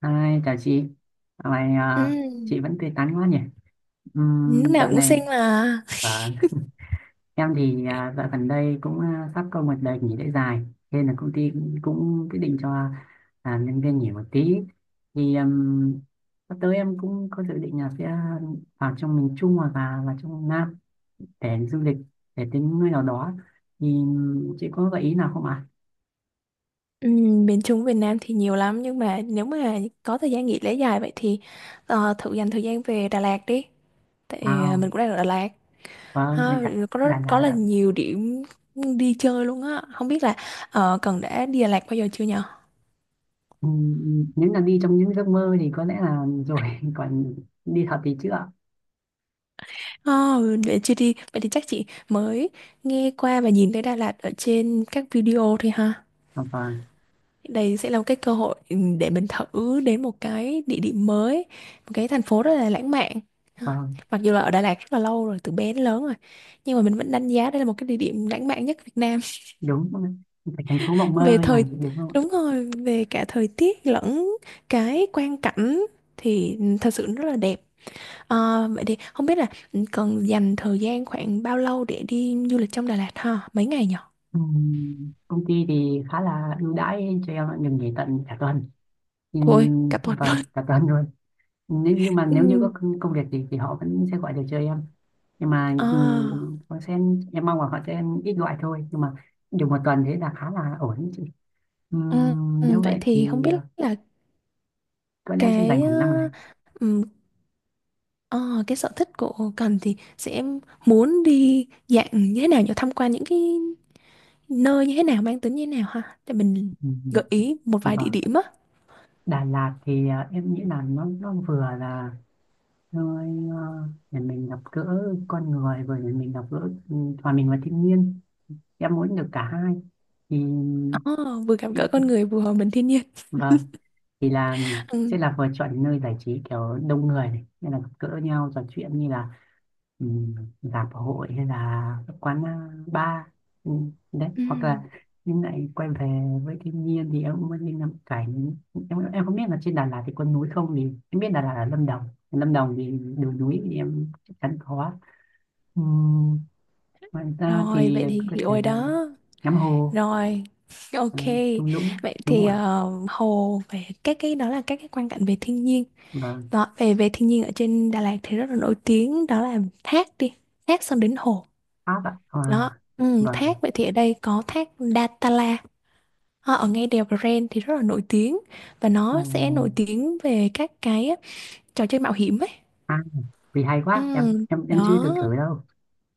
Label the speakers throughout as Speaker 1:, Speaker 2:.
Speaker 1: Hai, chào chị. Dạo này
Speaker 2: Ừ,
Speaker 1: chị vẫn tươi tắn quá nhỉ?
Speaker 2: lúc nào
Speaker 1: Dạo
Speaker 2: cũng
Speaker 1: này
Speaker 2: xinh mà.
Speaker 1: à, em thì dạo gần đây cũng sắp có một đợt nghỉ lễ dài, nên là công ty cũng quyết định cho nhân viên nghỉ một tí. Thì sắp tới em cũng có dự định là sẽ vào trong miền Trung hoặc là vào trong Nam để du lịch, để tính nơi nào đó. Thì chị có gợi ý nào không ạ?
Speaker 2: Ừ, miền Trung Việt Nam thì nhiều lắm nhưng mà nếu mà có thời gian nghỉ lễ dài vậy thì thử dành thời gian về Đà Lạt đi. Tại
Speaker 1: Wow,
Speaker 2: mình cũng đang ở Đà Lạt.
Speaker 1: vâng, anh
Speaker 2: Ha,
Speaker 1: ạ. Đà
Speaker 2: có
Speaker 1: Lạt
Speaker 2: là
Speaker 1: ạ.
Speaker 2: nhiều điểm đi chơi luôn á. Không biết là Cần đã đi Đà Lạt bao giờ chưa nhở?
Speaker 1: Ừ, nếu là đi trong những giấc mơ thì có lẽ là rồi còn đi thật thì chưa à,
Speaker 2: Oh, để chưa đi. Vậy thì chắc chị mới nghe qua và nhìn thấy Đà Lạt ở trên các video thôi ha.
Speaker 1: vâng
Speaker 2: Đây sẽ là một cái cơ hội để mình thử đến một cái địa điểm mới, một cái thành phố rất là lãng mạn. Ờ,
Speaker 1: vâng,
Speaker 2: Mặc dù là ở Đà Lạt rất là lâu rồi, từ bé đến lớn rồi. Nhưng mà mình vẫn đánh giá đây là một cái địa điểm lãng mạn nhất Việt Nam.
Speaker 1: đúng, phải thành phố mộng
Speaker 2: Về
Speaker 1: mơ mà
Speaker 2: thời,
Speaker 1: đúng không ạ.
Speaker 2: đúng rồi, về cả thời tiết lẫn cái quang cảnh thì thật sự rất là đẹp. Vậy thì không biết là cần dành thời gian khoảng bao lâu để đi du lịch trong Đà Lạt ha? Mấy ngày nhỉ?
Speaker 1: Ừ, công ty thì khá là ưu đãi cho em ạ, được nghỉ tận cả tuần. Ừ,
Speaker 2: Ôi, cả tuần
Speaker 1: vâng,
Speaker 2: luôn.
Speaker 1: cả tuần luôn. Nếu nhưng mà nếu như
Speaker 2: Ừ.
Speaker 1: có công công việc gì thì họ vẫn sẽ gọi được cho em, nhưng mà ừ,
Speaker 2: À,
Speaker 1: họ sẽ, em mong là họ sẽ ít gọi thôi, nhưng mà được một tuần thế là khá là ổn đấy chị. Ừ,
Speaker 2: ừ,
Speaker 1: nếu
Speaker 2: vậy
Speaker 1: vậy
Speaker 2: thì không
Speaker 1: thì
Speaker 2: biết
Speaker 1: ờ,
Speaker 2: là
Speaker 1: tuần em sẽ dành
Speaker 2: cái
Speaker 1: khoảng 5
Speaker 2: ờ,
Speaker 1: ngày.
Speaker 2: ừm, ờ, cái sở thích của Cần thì sẽ muốn đi dạng như thế nào nhỉ, tham quan những cái nơi như thế nào, mang tính như thế nào ha để mình
Speaker 1: Ừ.
Speaker 2: gợi ý một vài địa
Speaker 1: Vâng,
Speaker 2: điểm á.
Speaker 1: Đà Lạt thì à, em nghĩ là nó vừa là nơi à, để mình gặp gỡ con người, vừa để mình gặp gỡ ừ, hòa mình và thiên nhiên, em muốn được cả hai thì
Speaker 2: Ờ, vừa gặp
Speaker 1: thì-
Speaker 2: gỡ con người vừa hòa mình thiên nhiên.
Speaker 1: vâng, thì là
Speaker 2: ừ.
Speaker 1: sẽ là vừa chọn nơi giải trí kiểu đông người này nên là gặp gỡ nhau trò chuyện, như là ừ, rạp hội hay là các quán bar ừ, đấy,
Speaker 2: ừ.
Speaker 1: hoặc là nhưng lại quay về với thiên nhiên thì em cũng muốn đi ngắm cảnh. Em không biết là trên Đà Lạt thì có núi không, thì em biết Đà Lạt là Lâm Đồng, Lâm Đồng thì đường núi thì em chắc chắn có. Ừ, ngoài ra
Speaker 2: rồi
Speaker 1: thì
Speaker 2: vậy thì
Speaker 1: có
Speaker 2: hiểu
Speaker 1: thể
Speaker 2: rồi
Speaker 1: là
Speaker 2: đó
Speaker 1: ngắm hồ,
Speaker 2: rồi.
Speaker 1: ờ,
Speaker 2: OK,
Speaker 1: thung lũng,
Speaker 2: vậy
Speaker 1: đúng không
Speaker 2: thì
Speaker 1: ạ.
Speaker 2: hồ, về các cái đó là các cái quan cảnh về thiên nhiên
Speaker 1: Vâng,
Speaker 2: đó, về về thiên nhiên ở trên Đà Lạt thì rất là nổi tiếng, đó là thác đi, thác xong đến hồ.
Speaker 1: Pháp ạ. Và
Speaker 2: Đó,
Speaker 1: vâng,
Speaker 2: thác vậy thì ở đây có thác Datanla. Ở ngay đèo Grand thì rất là nổi tiếng và
Speaker 1: ừ,
Speaker 2: nó sẽ nổi tiếng về các cái trò chơi mạo hiểm ấy.
Speaker 1: à, vì hay
Speaker 2: Ừ,
Speaker 1: quá, em chưa từng
Speaker 2: đó,
Speaker 1: thử đâu.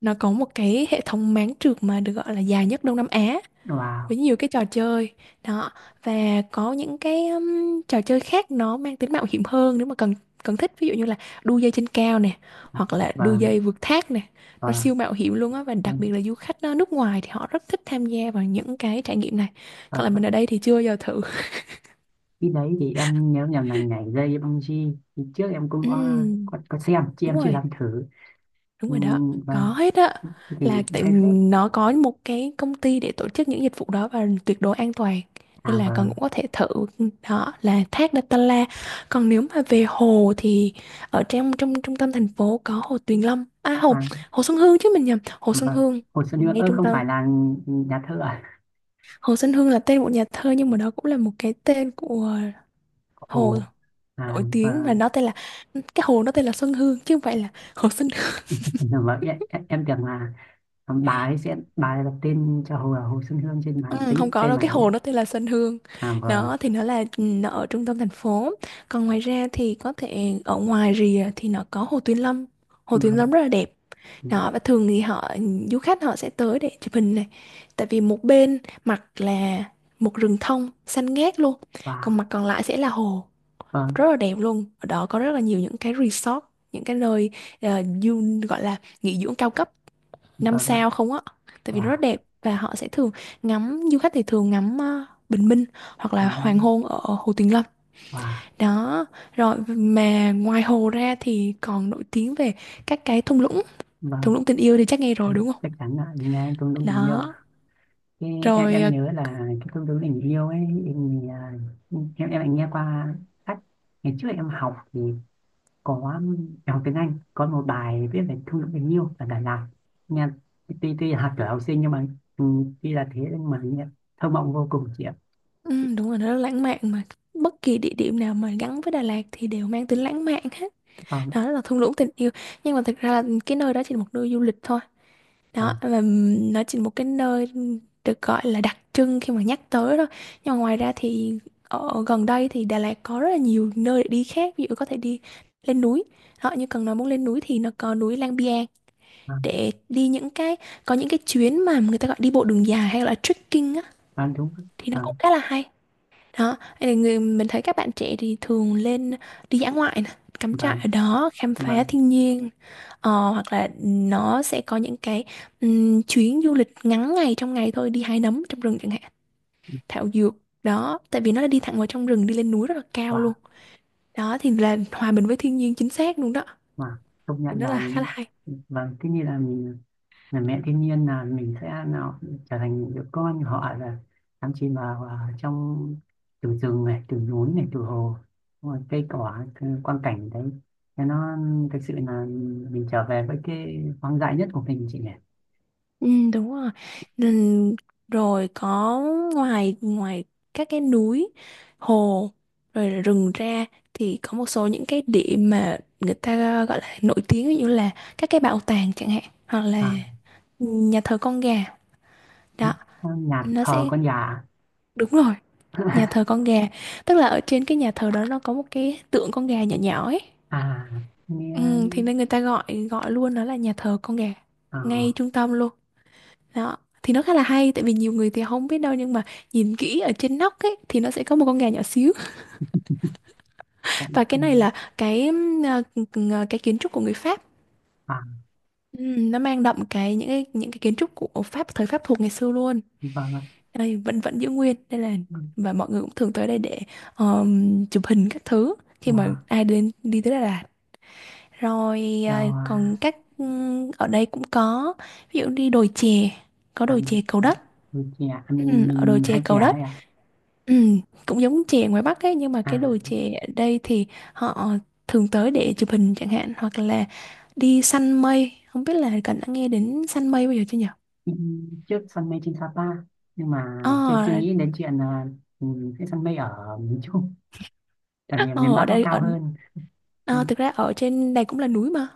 Speaker 2: nó có một cái hệ thống máng trượt mà được gọi là dài nhất Đông Nam Á,
Speaker 1: Wow.
Speaker 2: với nhiều cái trò chơi đó, và có những cái trò chơi khác nó mang tính mạo hiểm hơn nếu mà cần cần thích, ví dụ như là đu dây trên cao nè hoặc là đu
Speaker 1: Vâng
Speaker 2: dây vượt thác nè. Nó siêu mạo hiểm luôn á, và đặc biệt
Speaker 1: vâng.
Speaker 2: là du khách nước ngoài thì họ rất thích tham gia vào những cái trải nghiệm này.
Speaker 1: Ờ,
Speaker 2: Còn là mình ở đây thì chưa bao giờ thử.
Speaker 1: cái đấy thì em nhớ nhầm là nhảy dây với bungee thì trước em cũng
Speaker 2: Ừm,
Speaker 1: có xem chứ
Speaker 2: đúng
Speaker 1: em chưa
Speaker 2: rồi.
Speaker 1: dám thử.
Speaker 2: Đúng
Speaker 1: Ừ,
Speaker 2: rồi đó, có
Speaker 1: vâng,
Speaker 2: hết á.
Speaker 1: thế thì
Speaker 2: Là tại
Speaker 1: hay phết.
Speaker 2: nó có một cái công ty để tổ chức những dịch vụ đó và tuyệt đối an toàn. Nên
Speaker 1: À
Speaker 2: là con cũng
Speaker 1: vâng.
Speaker 2: có thể thử, đó là thác Datanla. Còn nếu mà về hồ thì ở trong trong trung tâm thành phố có hồ Tuyền Lâm. À hồ
Speaker 1: À
Speaker 2: Hồ Xuân Hương chứ mình nhầm, Hồ Xuân
Speaker 1: vâng,
Speaker 2: Hương
Speaker 1: Hồ Xuân Hương,
Speaker 2: ngay
Speaker 1: ơ,
Speaker 2: trung
Speaker 1: không
Speaker 2: tâm.
Speaker 1: phải là nhà thơ à.
Speaker 2: Hồ Xuân Hương là tên một nhà thơ nhưng mà đó cũng là một cái tên của hồ
Speaker 1: Ồ, à
Speaker 2: nổi tiếng, và
Speaker 1: vâng.
Speaker 2: nó tên là, cái hồ nó tên là Xuân Hương chứ không phải là Hồ Xuân.
Speaker 1: Vâng, em tưởng là bà ấy sẽ, bà ấy đặt tên cho Hồ Xuân Hương trên bà
Speaker 2: Ừ, không
Speaker 1: tính
Speaker 2: có
Speaker 1: tên
Speaker 2: đâu,
Speaker 1: bà
Speaker 2: cái
Speaker 1: ấy ạ.
Speaker 2: hồ nó tên là Sơn Hương,
Speaker 1: À vâng.
Speaker 2: đó thì nó là, nó ở trung tâm thành phố. Còn ngoài ra thì có thể ở ngoài rìa thì nó có hồ Tuyên Lâm. Hồ Tuyên
Speaker 1: Vâng ạ.
Speaker 2: Lâm rất là đẹp
Speaker 1: Ừ,
Speaker 2: đó, và thường thì họ, du khách họ sẽ tới để chụp hình này, tại vì một bên mặt là một rừng thông xanh ngát luôn, còn
Speaker 1: và
Speaker 2: mặt còn lại sẽ là hồ,
Speaker 1: vâng.
Speaker 2: rất là đẹp luôn. Ở đó có rất là nhiều những cái resort, những cái nơi ờ, du gọi là nghỉ dưỡng cao cấp năm
Speaker 1: Vâng ạ.
Speaker 2: sao không á, tại vì nó rất
Speaker 1: Và
Speaker 2: đẹp. Và họ sẽ thường ngắm du khách thì thường ngắm bình minh hoặc
Speaker 1: ừ,
Speaker 2: là hoàng hôn ở Hồ Tuyền Lâm
Speaker 1: và
Speaker 2: đó. Rồi mà ngoài hồ ra thì còn nổi tiếng về các cái thung lũng, thung
Speaker 1: vâng,
Speaker 2: lũng tình yêu thì chắc nghe rồi
Speaker 1: anh
Speaker 2: đúng không?
Speaker 1: chắc chắn ạ là nghe em cũng đúng tình yêu.
Speaker 2: Đó
Speaker 1: Cái,
Speaker 2: rồi,
Speaker 1: em nhớ là cái công đối tình yêu ấy em, à, em em lại nghe qua sách ngày trước em học thì có, em học tiếng Anh có một bài viết về công thức tình yêu ở Đà Lạt, nghe tuy tuy là học tuổi học sinh nhưng mà ừ, tuy là thế nhưng mà nghe thơ mộng vô cùng chị ạ.
Speaker 2: đúng rồi, nó rất lãng mạn mà, bất kỳ địa điểm nào mà gắn với Đà Lạt thì đều mang tính lãng mạn hết.
Speaker 1: Vâng
Speaker 2: Đó là thung lũng tình yêu, nhưng mà thực ra là cái nơi đó chỉ là một nơi du lịch thôi đó,
Speaker 1: vâng
Speaker 2: và nó chỉ một cái nơi được gọi là đặc trưng khi mà nhắc tới thôi. Nhưng mà ngoài ra thì ở gần đây thì Đà Lạt có rất là nhiều nơi để đi khác, ví dụ có thể đi lên núi, họ như cần nói muốn lên núi thì nó có núi Lang Biang,
Speaker 1: vâng
Speaker 2: để đi những cái, có những cái chuyến mà người ta gọi đi bộ đường dài hay là trekking á,
Speaker 1: vâng, đúng.
Speaker 2: thì nó
Speaker 1: Vâng
Speaker 2: cũng khá là hay đó. Hay là người, mình thấy các bạn trẻ thì thường lên đi dã ngoại nè, cắm trại
Speaker 1: vâng
Speaker 2: ở đó, khám phá
Speaker 1: vâng.
Speaker 2: thiên nhiên. Hoặc là nó sẽ có những cái chuyến du lịch ngắn ngày, trong ngày thôi, đi hái nấm trong rừng chẳng hạn, thảo dược, đó, tại vì nó là đi thẳng vào trong rừng, đi lên núi rất là cao luôn,
Speaker 1: và
Speaker 2: đó thì là hòa mình với thiên nhiên chính xác luôn đó,
Speaker 1: và công
Speaker 2: thì
Speaker 1: nhận
Speaker 2: nó là
Speaker 1: là.
Speaker 2: khá là hay.
Speaker 1: Vâng, cái như là mình là mẹ thiên nhiên, là mình sẽ nào trở thành những đứa con của họ, là đắm chìm vào à, trong từ rừng này, từ núi này, từ hồ. Đúng rồi, cây cỏ, cái quang cảnh đấy, thế nó thực sự là mình trở về với cái hoang dại nhất của mình chị nhỉ.
Speaker 2: Ừ, đúng rồi. Nên- rồi có, ngoài ngoài các cái núi, hồ, rồi là rừng ra, thì có một số những cái điểm mà người ta gọi là nổi tiếng, ví dụ như là các cái bảo tàng chẳng hạn, hoặc là
Speaker 1: À,
Speaker 2: nhà thờ con gà. Đó,
Speaker 1: nhà
Speaker 2: nó
Speaker 1: thờ
Speaker 2: sẽ,
Speaker 1: con gà.
Speaker 2: đúng rồi, nhà thờ con gà, tức là ở trên cái nhà thờ đó nó có một cái tượng con gà nhỏ nhỏ ấy,
Speaker 1: À nghe.
Speaker 2: ừ, thì nên người ta gọi gọi luôn nó là nhà thờ con gà, ngay
Speaker 1: à,
Speaker 2: trung tâm luôn đó. Thì nó khá là hay tại vì nhiều người thì không biết đâu, nhưng mà nhìn kỹ ở trên nóc ấy thì nó sẽ có một con gà nhỏ xíu.
Speaker 1: cũng-
Speaker 2: Và cái này là cái kiến trúc của người Pháp.
Speaker 1: À
Speaker 2: Ừ, nó mang đậm cái, những cái kiến trúc của Pháp thời Pháp thuộc ngày xưa luôn,
Speaker 1: vâng ạ.
Speaker 2: đây vẫn vẫn giữ nguyên đây là.
Speaker 1: Ừ,
Speaker 2: Và mọi người cũng thường tới đây để chụp hình các thứ khi mà
Speaker 1: mà
Speaker 2: ai đến đi tới Đà Lạt. Rồi
Speaker 1: rồi
Speaker 2: còn
Speaker 1: à,
Speaker 2: các ở đây cũng có, ví dụ đi đồi chè, có
Speaker 1: à,
Speaker 2: đồi chè
Speaker 1: mình
Speaker 2: Cầu
Speaker 1: trẻ,
Speaker 2: Đất.
Speaker 1: mình trẻ à,
Speaker 2: Ừm, ở đồi
Speaker 1: mình
Speaker 2: chè
Speaker 1: hai trẻ
Speaker 2: Cầu Đất
Speaker 1: ấy à.
Speaker 2: ừm, cũng giống chè ngoài Bắc ấy, nhưng mà
Speaker 1: À.
Speaker 2: cái đồi chè ở đây thì họ thường tới để chụp hình chẳng hạn, hoặc là đi săn mây. Không biết là Cần đã nghe đến săn mây bao giờ chưa nhỉ?
Speaker 1: Ừ, trước săn mây trên Sapa, nhưng mà chưa
Speaker 2: Ờ,
Speaker 1: chưa nghĩ đến chuyện là ừ, cái săn mây ở miền Trung tại vì miền
Speaker 2: ờ,
Speaker 1: Bắc
Speaker 2: ở
Speaker 1: nó
Speaker 2: đây
Speaker 1: cao
Speaker 2: ở
Speaker 1: hơn. Ừ,
Speaker 2: ờ, thực ra ở trên này cũng là núi mà.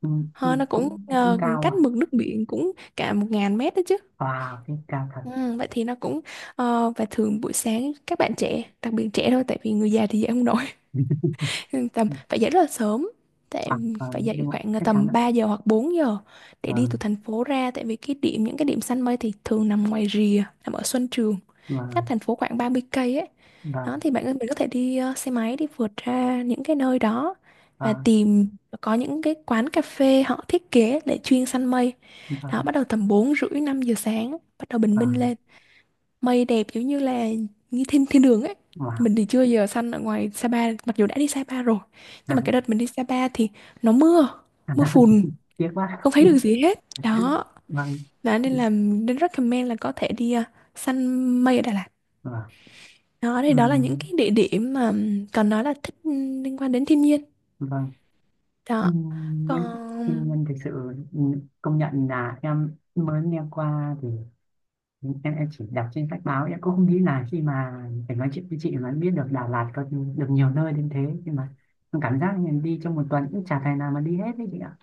Speaker 1: ừ, ừ,
Speaker 2: Nó cũng
Speaker 1: cũng cũng cao
Speaker 2: cách
Speaker 1: ạ.
Speaker 2: mực nước biển cũng cả 1.000 mét đó chứ.
Speaker 1: Wow, cái cao thật.
Speaker 2: Ừ, vậy thì nó cũng, và thường buổi sáng các bạn trẻ, đặc biệt trẻ thôi tại vì người già thì dậy không nổi, tầm
Speaker 1: Ừ.
Speaker 2: phải dậy rất là sớm. Tại
Speaker 1: Wow,
Speaker 2: phải
Speaker 1: vâng,
Speaker 2: dậy
Speaker 1: nhưng mà
Speaker 2: khoảng
Speaker 1: chắc chắn
Speaker 2: tầm
Speaker 1: ạ.
Speaker 2: 3 giờ hoặc 4 giờ, để đi từ
Speaker 1: Vâng
Speaker 2: thành phố ra, tại vì cái điểm những cái điểm săn mây thì thường nằm ngoài rìa, nằm ở Xuân Trường, cách
Speaker 1: vâng
Speaker 2: thành phố khoảng 30 cây ấy. Đó
Speaker 1: vâng
Speaker 2: thì bạn mình có thể đi xe máy đi vượt ra những cái nơi đó và
Speaker 1: vâng
Speaker 2: tìm, có những cái quán cà phê họ thiết kế để chuyên săn mây đó.
Speaker 1: vâng
Speaker 2: Bắt đầu tầm 4 rưỡi 5 giờ sáng bắt đầu bình minh
Speaker 1: vâng.
Speaker 2: lên. Mây đẹp giống như là như thiên thiên đường ấy.
Speaker 1: Wow.
Speaker 2: Mình thì chưa giờ săn ở ngoài Sapa mặc dù đã đi Sapa rồi. Nhưng
Speaker 1: À.
Speaker 2: mà cái đợt mình đi Sapa thì nó mưa, mưa phùn,
Speaker 1: Tiếc quá.
Speaker 2: không thấy được gì hết.
Speaker 1: Vâng
Speaker 2: Đó,
Speaker 1: vâng.
Speaker 2: nên recommend là có thể đi săn mây ở Đà Lạt. Đó thì đó là những
Speaker 1: Ừm,
Speaker 2: cái địa điểm mà, còn nói là thích liên quan đến thiên nhiên.
Speaker 1: vâng.
Speaker 2: Đó.
Speaker 1: Nếu thiên
Speaker 2: Còn
Speaker 1: nhiên thực sự ừ, công nhận là em mới nghe qua thì em chỉ đọc trên sách báo, em cũng không nghĩ là khi mà phải nói chuyện với chị mà em biết được Đà Lạt có được nhiều nơi đến thế, nhưng mà em cảm giác mình đi trong một tuần cũng chả thể nào mà đi hết đấy chị ạ.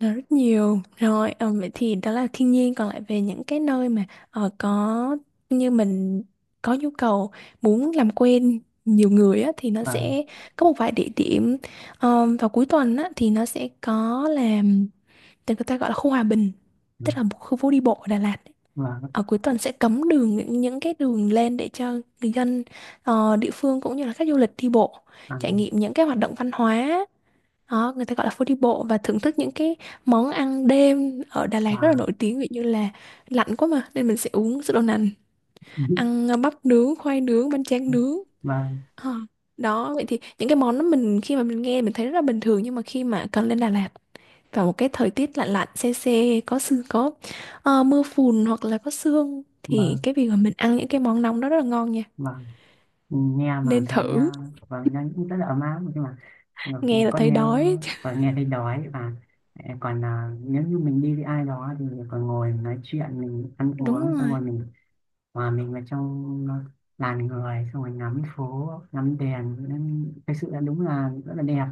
Speaker 2: nó rất nhiều rồi, vậy thì đó là thiên nhiên, còn lại về những cái nơi mà có, như mình có nhu cầu muốn làm quen nhiều người á, thì nó
Speaker 1: Vâng
Speaker 2: sẽ có một vài địa điểm. Vào cuối tuần á, thì nó sẽ có làm tên người ta gọi là khu Hòa Bình, tức là một khu phố đi bộ ở Đà Lạt ấy.
Speaker 1: vâng
Speaker 2: Ở cuối tuần sẽ cấm đường những cái đường lên để cho người dân địa phương cũng như là khách du lịch đi bộ trải
Speaker 1: vâng.
Speaker 2: nghiệm những cái hoạt động văn hóa đó. Người ta gọi là phố đi bộ, và thưởng thức những cái món ăn đêm ở Đà Lạt rất là
Speaker 1: Và
Speaker 2: nổi tiếng, ví dụ như là lạnh quá mà nên mình sẽ uống sữa đậu nành, ăn bắp nướng, khoai nướng, bánh tráng nướng.
Speaker 1: vâng
Speaker 2: Ờ, Đó, vậy thì những cái món đó mình khi mà mình nghe mình thấy rất là bình thường, nhưng mà khi mà cần lên Đà Lạt vào một cái thời tiết lạnh lạnh se se có sương, có mưa phùn hoặc là có sương thì
Speaker 1: vâng
Speaker 2: cái việc mà mình ăn những cái món nóng đó rất là ngon nha.
Speaker 1: vâng. Nghe mà
Speaker 2: Nên
Speaker 1: thấy
Speaker 2: thử,
Speaker 1: à, vâng, nó cũng rất là ấm áp nhưng mà
Speaker 2: nghe là
Speaker 1: con
Speaker 2: thấy
Speaker 1: nhớ,
Speaker 2: đói.
Speaker 1: và nghe thấy đói. Và à, còn à, nếu như mình đi với ai đó thì còn ngồi nói chuyện, mình ăn
Speaker 2: Đúng
Speaker 1: uống xong
Speaker 2: rồi.
Speaker 1: rồi mình, mà mình vào trong làn người xong rồi ngắm phố ngắm đèn, nên thực sự là đúng là rất là đẹp,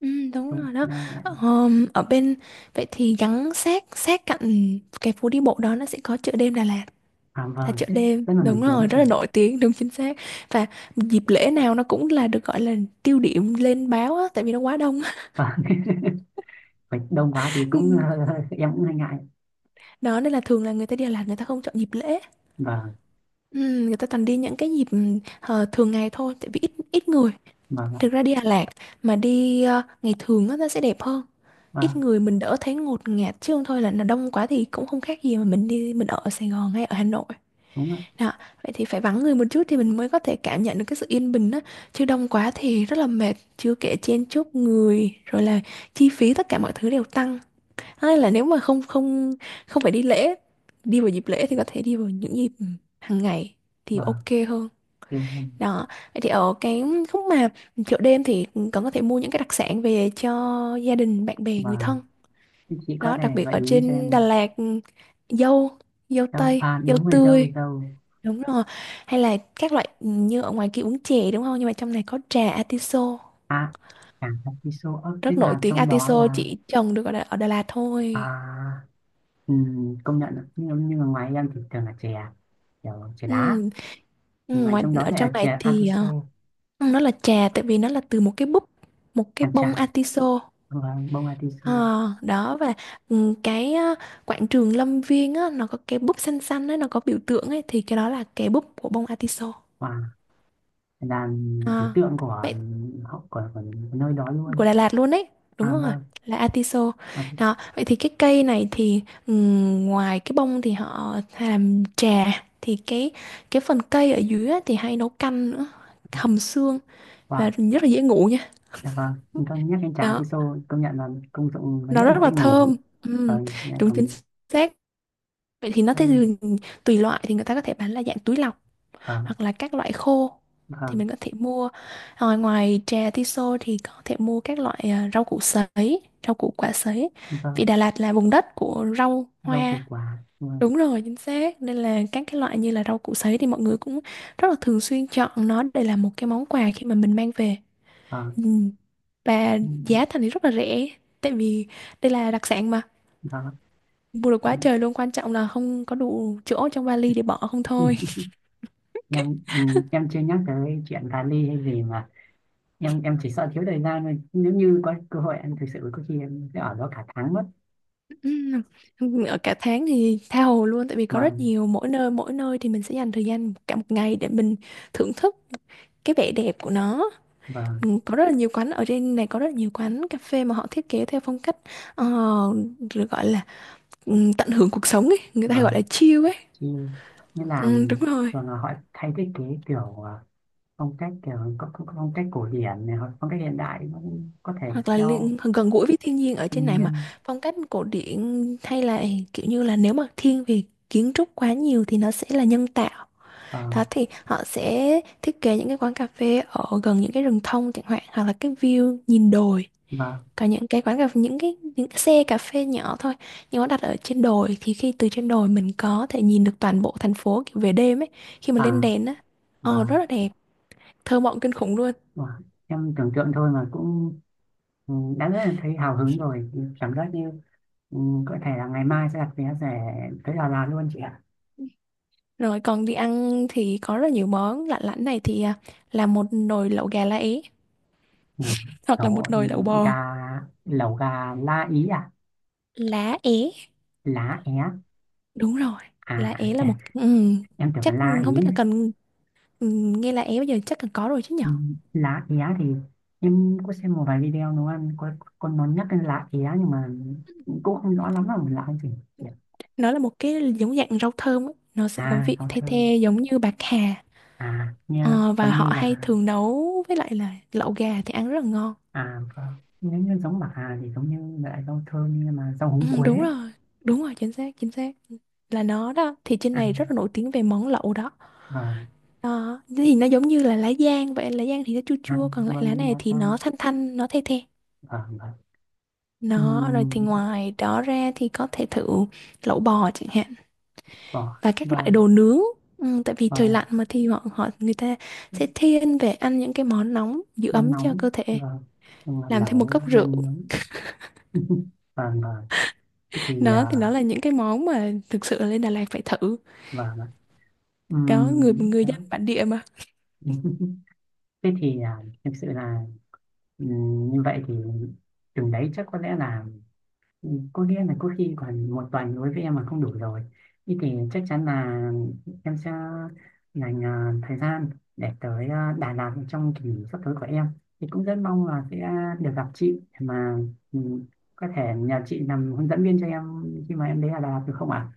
Speaker 2: Ừ, đúng
Speaker 1: đúng,
Speaker 2: rồi đó.
Speaker 1: rất là đẹp.
Speaker 2: Ở bên, vậy thì gắn sát sát cạnh cái phố đi bộ đó nó sẽ có chợ đêm Đà Lạt,
Speaker 1: À
Speaker 2: là
Speaker 1: vâng
Speaker 2: chợ
Speaker 1: chứ,
Speaker 2: đêm
Speaker 1: rất là nổi
Speaker 2: đúng
Speaker 1: tiếng
Speaker 2: rồi, rất
Speaker 1: chị.
Speaker 2: là nổi tiếng, đúng chính xác. Và dịp lễ nào nó cũng là được gọi là tiêu điểm lên báo á, tại vì nó quá đông.
Speaker 1: Vâng. Phải đông quá thì cũng
Speaker 2: Ừ,
Speaker 1: em cũng hơi ngại.
Speaker 2: đó nên là thường là người ta đi Đà Lạt người ta không chọn dịp lễ.
Speaker 1: Vâng.
Speaker 2: Ừ, Người ta toàn đi những cái dịp thường ngày thôi, tại vì ít ít người.
Speaker 1: Vâng ạ.
Speaker 2: Thực ra đi Đà Lạt mà đi ngày thường á, nó sẽ đẹp hơn. Ít
Speaker 1: Vâng,
Speaker 2: người mình đỡ thấy ngột ngạt, chứ không thôi là nó đông quá thì cũng không khác gì mà mình đi mình ở Sài Gòn hay ở Hà Nội.
Speaker 1: đúng ạ.
Speaker 2: Đó, vậy thì phải vắng người một chút thì mình mới có thể cảm nhận được cái sự yên bình á. Chứ đông quá thì rất là mệt, chưa kể chen chúc người rồi là chi phí tất cả mọi thứ đều tăng. Thế nên là nếu mà không không không phải đi lễ, đi vào dịp lễ thì có thể đi vào những dịp hàng ngày thì
Speaker 1: Vâng
Speaker 2: ok hơn.
Speaker 1: thì-
Speaker 2: Đó, vậy thì ở cái khúc mà chợ đêm thì còn có thể mua những cái đặc sản về cho gia đình, bạn bè, người
Speaker 1: vâng.
Speaker 2: thân.
Speaker 1: Thế chị có
Speaker 2: Đó,
Speaker 1: thể
Speaker 2: đặc biệt
Speaker 1: gợi
Speaker 2: ở
Speaker 1: ý cho em
Speaker 2: trên
Speaker 1: là
Speaker 2: Đà Lạt, dâu, dâu
Speaker 1: dâu,
Speaker 2: tây,
Speaker 1: à
Speaker 2: dâu
Speaker 1: đúng rồi, dâu
Speaker 2: tươi,
Speaker 1: dâu
Speaker 2: đúng rồi. Hay là các loại như ở ngoài kia uống chè đúng không? Nhưng mà trong này có trà atiso,
Speaker 1: À, chẳng hạn cái show up tức
Speaker 2: rất nổi
Speaker 1: là
Speaker 2: tiếng.
Speaker 1: trong đó
Speaker 2: Atiso
Speaker 1: là.
Speaker 2: chỉ trồng được ở Đà Lạt thôi.
Speaker 1: À, công nhận ạ. Nhưng mà ngoài em thì thường là chè, kiểu chè
Speaker 2: Ừ.
Speaker 1: đá, mà
Speaker 2: Ngoài
Speaker 1: trong đó
Speaker 2: ở
Speaker 1: lại
Speaker 2: trong
Speaker 1: là
Speaker 2: này
Speaker 1: chè
Speaker 2: thì
Speaker 1: atiso,
Speaker 2: nó là trà tại vì nó là từ một cái búp, một cái
Speaker 1: hàn
Speaker 2: bông
Speaker 1: trà.
Speaker 2: atiso.
Speaker 1: Vâng, bông atiso.
Speaker 2: Ờ, Đó, và cái quảng trường Lâm Viên á, nó có cái búp xanh xanh á, nó có biểu tượng ấy, thì cái đó là cái búp của bông atiso.
Speaker 1: Và, là biểu
Speaker 2: À,
Speaker 1: tượng của,
Speaker 2: vậy
Speaker 1: của nơi đó luôn.
Speaker 2: của Đà Lạt luôn đấy, đúng
Speaker 1: À
Speaker 2: rồi,
Speaker 1: vâng,
Speaker 2: là atiso.
Speaker 1: atiso.
Speaker 2: Đó, vậy thì cái cây này thì ngoài cái bông thì họ làm trà, thì cái phần cây ở dưới á, thì hay nấu canh nữa, hầm xương, và
Speaker 1: Wow.
Speaker 2: rất là dễ ngủ nha.
Speaker 1: Dạ vâng. Nhưng con nhắc đến trà
Speaker 2: Đó,
Speaker 1: atiso công nhận là công dụng lớn
Speaker 2: nó
Speaker 1: nhất
Speaker 2: rất
Speaker 1: là dễ
Speaker 2: là
Speaker 1: ngủ.
Speaker 2: thơm. Ừm,
Speaker 1: Vâng, lại
Speaker 2: đúng chính
Speaker 1: còn
Speaker 2: xác. Vậy thì nó, thế
Speaker 1: thơm.
Speaker 2: thì tùy loại thì người ta có thể bán là dạng túi lọc
Speaker 1: Vâng
Speaker 2: hoặc là các loại khô thì
Speaker 1: vâng
Speaker 2: mình có thể mua. Rồi ngoài trà tiso thì có thể mua các loại rau củ sấy, rau củ quả sấy, vì
Speaker 1: vâng,
Speaker 2: Đà Lạt là vùng đất của rau
Speaker 1: rau
Speaker 2: hoa,
Speaker 1: củ quả, vâng
Speaker 2: đúng rồi chính xác. Nên là các cái loại như là rau củ sấy thì mọi người cũng rất là thường xuyên chọn nó để làm một cái món quà khi mà mình mang về.
Speaker 1: vâng,
Speaker 2: ừ. Và
Speaker 1: ừ,
Speaker 2: giá thành thì rất là rẻ, tại vì đây là đặc sản mà,
Speaker 1: vâng.
Speaker 2: mua được quá trời luôn, quan trọng là không có đủ chỗ trong vali để bỏ không thôi.
Speaker 1: Em ừ, em chưa nhắc tới chuyện cà ly hay gì mà em chỉ sợ thiếu thời gian thôi, nếu như có cơ hội em thực sự có khi em sẽ ở đó cả tháng mất.
Speaker 2: Ở cả tháng thì tha hồ luôn, tại vì có
Speaker 1: Và
Speaker 2: rất nhiều, mỗi nơi thì mình sẽ dành thời gian cả một ngày để mình thưởng thức cái vẻ đẹp của nó.
Speaker 1: và
Speaker 2: Có rất là nhiều quán ở trên này, có rất là nhiều quán cà phê mà họ thiết kế theo phong cách ờ, được gọi là tận hưởng cuộc sống ấy, người ta hay
Speaker 1: và
Speaker 2: gọi là chill ấy.
Speaker 1: khi như là
Speaker 2: Đúng rồi.
Speaker 1: thường là họ thay thiết kế kiểu à, phong cách kiểu có phong cách cổ điển này, hoặc phong cách hiện đại cũng có thể
Speaker 2: Hoặc là
Speaker 1: theo
Speaker 2: gần gũi với thiên nhiên ở trên
Speaker 1: thiên
Speaker 2: này mà,
Speaker 1: nhiên.
Speaker 2: phong cách cổ điển hay là kiểu như là nếu mà thiên về kiến trúc quá nhiều thì nó sẽ là nhân tạo.
Speaker 1: Và
Speaker 2: Đó, thì họ sẽ thiết kế những cái quán cà phê ở gần những cái rừng thông chẳng hạn, hoặc là cái view nhìn đồi.
Speaker 1: và
Speaker 2: Còn những cái quán cà phê, những cái xe cà phê nhỏ thôi, nhưng nó đặt ở trên đồi thì khi từ trên đồi mình có thể nhìn được toàn bộ thành phố kiểu về đêm ấy, khi mà
Speaker 1: và
Speaker 2: lên đèn á,
Speaker 1: và,
Speaker 2: ồ rất là đẹp, thơ mộng kinh khủng luôn.
Speaker 1: và em tưởng tượng thôi mà cũng ừ, đã rất là thấy hào hứng rồi, cảm giác như ừ, có thể là ngày mai sẽ đặt vé rẻ tới Đà Lạt luôn chị ạ.
Speaker 2: Rồi còn đi ăn thì có rất là nhiều món lạ lẫm này thì là một nồi lẩu gà lá é,
Speaker 1: Một
Speaker 2: hoặc là
Speaker 1: số
Speaker 2: một nồi lẩu
Speaker 1: gà,
Speaker 2: bò.
Speaker 1: lẩu gà lá ý à.
Speaker 2: Lá é,
Speaker 1: Lá é.
Speaker 2: đúng rồi.
Speaker 1: À
Speaker 2: Lá é là một
Speaker 1: em tưởng là
Speaker 2: chắc
Speaker 1: la
Speaker 2: không
Speaker 1: ý.
Speaker 2: biết là cần. Ừ, Nghe là em bây giờ chắc là có rồi chứ nhở.
Speaker 1: Ừ, lá é thì em có xem một vài video nấu ăn có con nó nhắc đến lá é nhưng mà cũng không rõ lắm là lá gì.
Speaker 2: Nó là một cái giống dạng rau thơm ấy. Nó sẽ có
Speaker 1: À
Speaker 2: vị
Speaker 1: rau
Speaker 2: the
Speaker 1: thơm,
Speaker 2: the giống như bạc hà.
Speaker 1: à nghe
Speaker 2: Và
Speaker 1: giống như
Speaker 2: họ hay
Speaker 1: là.
Speaker 2: thường nấu với lại là lẩu gà thì ăn rất là ngon.
Speaker 1: À vâng. Nếu như giống bà Hà thì giống như loại rau thơm nhưng mà rau
Speaker 2: Ừ,
Speaker 1: húng quế.
Speaker 2: đúng rồi, đúng rồi chính xác chính xác, là nó đó, thì trên
Speaker 1: À
Speaker 2: này rất là nổi tiếng về món lẩu đó.
Speaker 1: vâng,
Speaker 2: Đó, thì nó giống như là lá giang vậy, lá giang thì nó chua chua,
Speaker 1: ăn,
Speaker 2: còn lại
Speaker 1: vâng,
Speaker 2: lá
Speaker 1: đúng
Speaker 2: này
Speaker 1: lá
Speaker 2: thì
Speaker 1: ta.
Speaker 2: nó thanh thanh, nó the the.
Speaker 1: Vâng vâng.
Speaker 2: Nó rồi thì
Speaker 1: Ừm,
Speaker 2: ngoài đó ra thì có thể thử lẩu bò chẳng hạn
Speaker 1: vâng
Speaker 2: và các loại
Speaker 1: vâng
Speaker 2: đồ nướng. Tại vì trời
Speaker 1: vâng,
Speaker 2: lạnh mà thì họ họ người ta sẽ thiên về ăn những cái món nóng giữ
Speaker 1: mình
Speaker 2: ấm cho
Speaker 1: nóng.
Speaker 2: cơ thể,
Speaker 1: Và nhưng mà
Speaker 2: làm thêm một
Speaker 1: lẩu
Speaker 2: cốc rượu.
Speaker 1: mình nướng. Và thế thì
Speaker 2: Đó
Speaker 1: à,
Speaker 2: thì đó là những cái món mà thực sự là lên Đà Lạt phải thử.
Speaker 1: và
Speaker 2: Đó, người người
Speaker 1: đó.
Speaker 2: dân bản địa mà.
Speaker 1: Thế thì à, thực sự là như vậy thì chừng đấy chắc có lẽ là. Ừ, có nghĩa là có khi còn một tuần đối với em mà không đủ rồi. Thế thì chắc chắn là em sẽ dành à, thời gian để tới à, Đà Lạt trong kỳ nghỉ sắp tới của em. Thì cũng rất mong là sẽ được gặp chị để mà ừ, có thể nhờ chị làm hướng dẫn viên cho em khi mà em đến Đà Lạt được không ạ?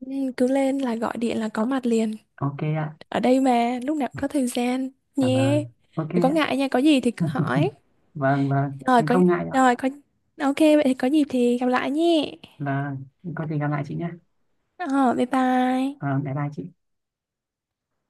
Speaker 2: Ừ, Cứ lên là gọi điện là có mặt liền,
Speaker 1: Ok ạ,
Speaker 2: ở đây mà lúc nào cũng có thời gian
Speaker 1: cảm ơn.
Speaker 2: nhé.
Speaker 1: Ok
Speaker 2: Đừng có
Speaker 1: ạ.
Speaker 2: ngại nha, có gì thì
Speaker 1: Ừ,
Speaker 2: cứ hỏi.
Speaker 1: vâng vâng,
Speaker 2: rồi
Speaker 1: nhưng
Speaker 2: có
Speaker 1: không ngại ạ.
Speaker 2: rồi có ok vậy thì có dịp thì gặp lại nhé.
Speaker 1: Vâng, có gì gặp lại chị nhé.
Speaker 2: Ờ, bye bye.
Speaker 1: Vâng, bye bye chị.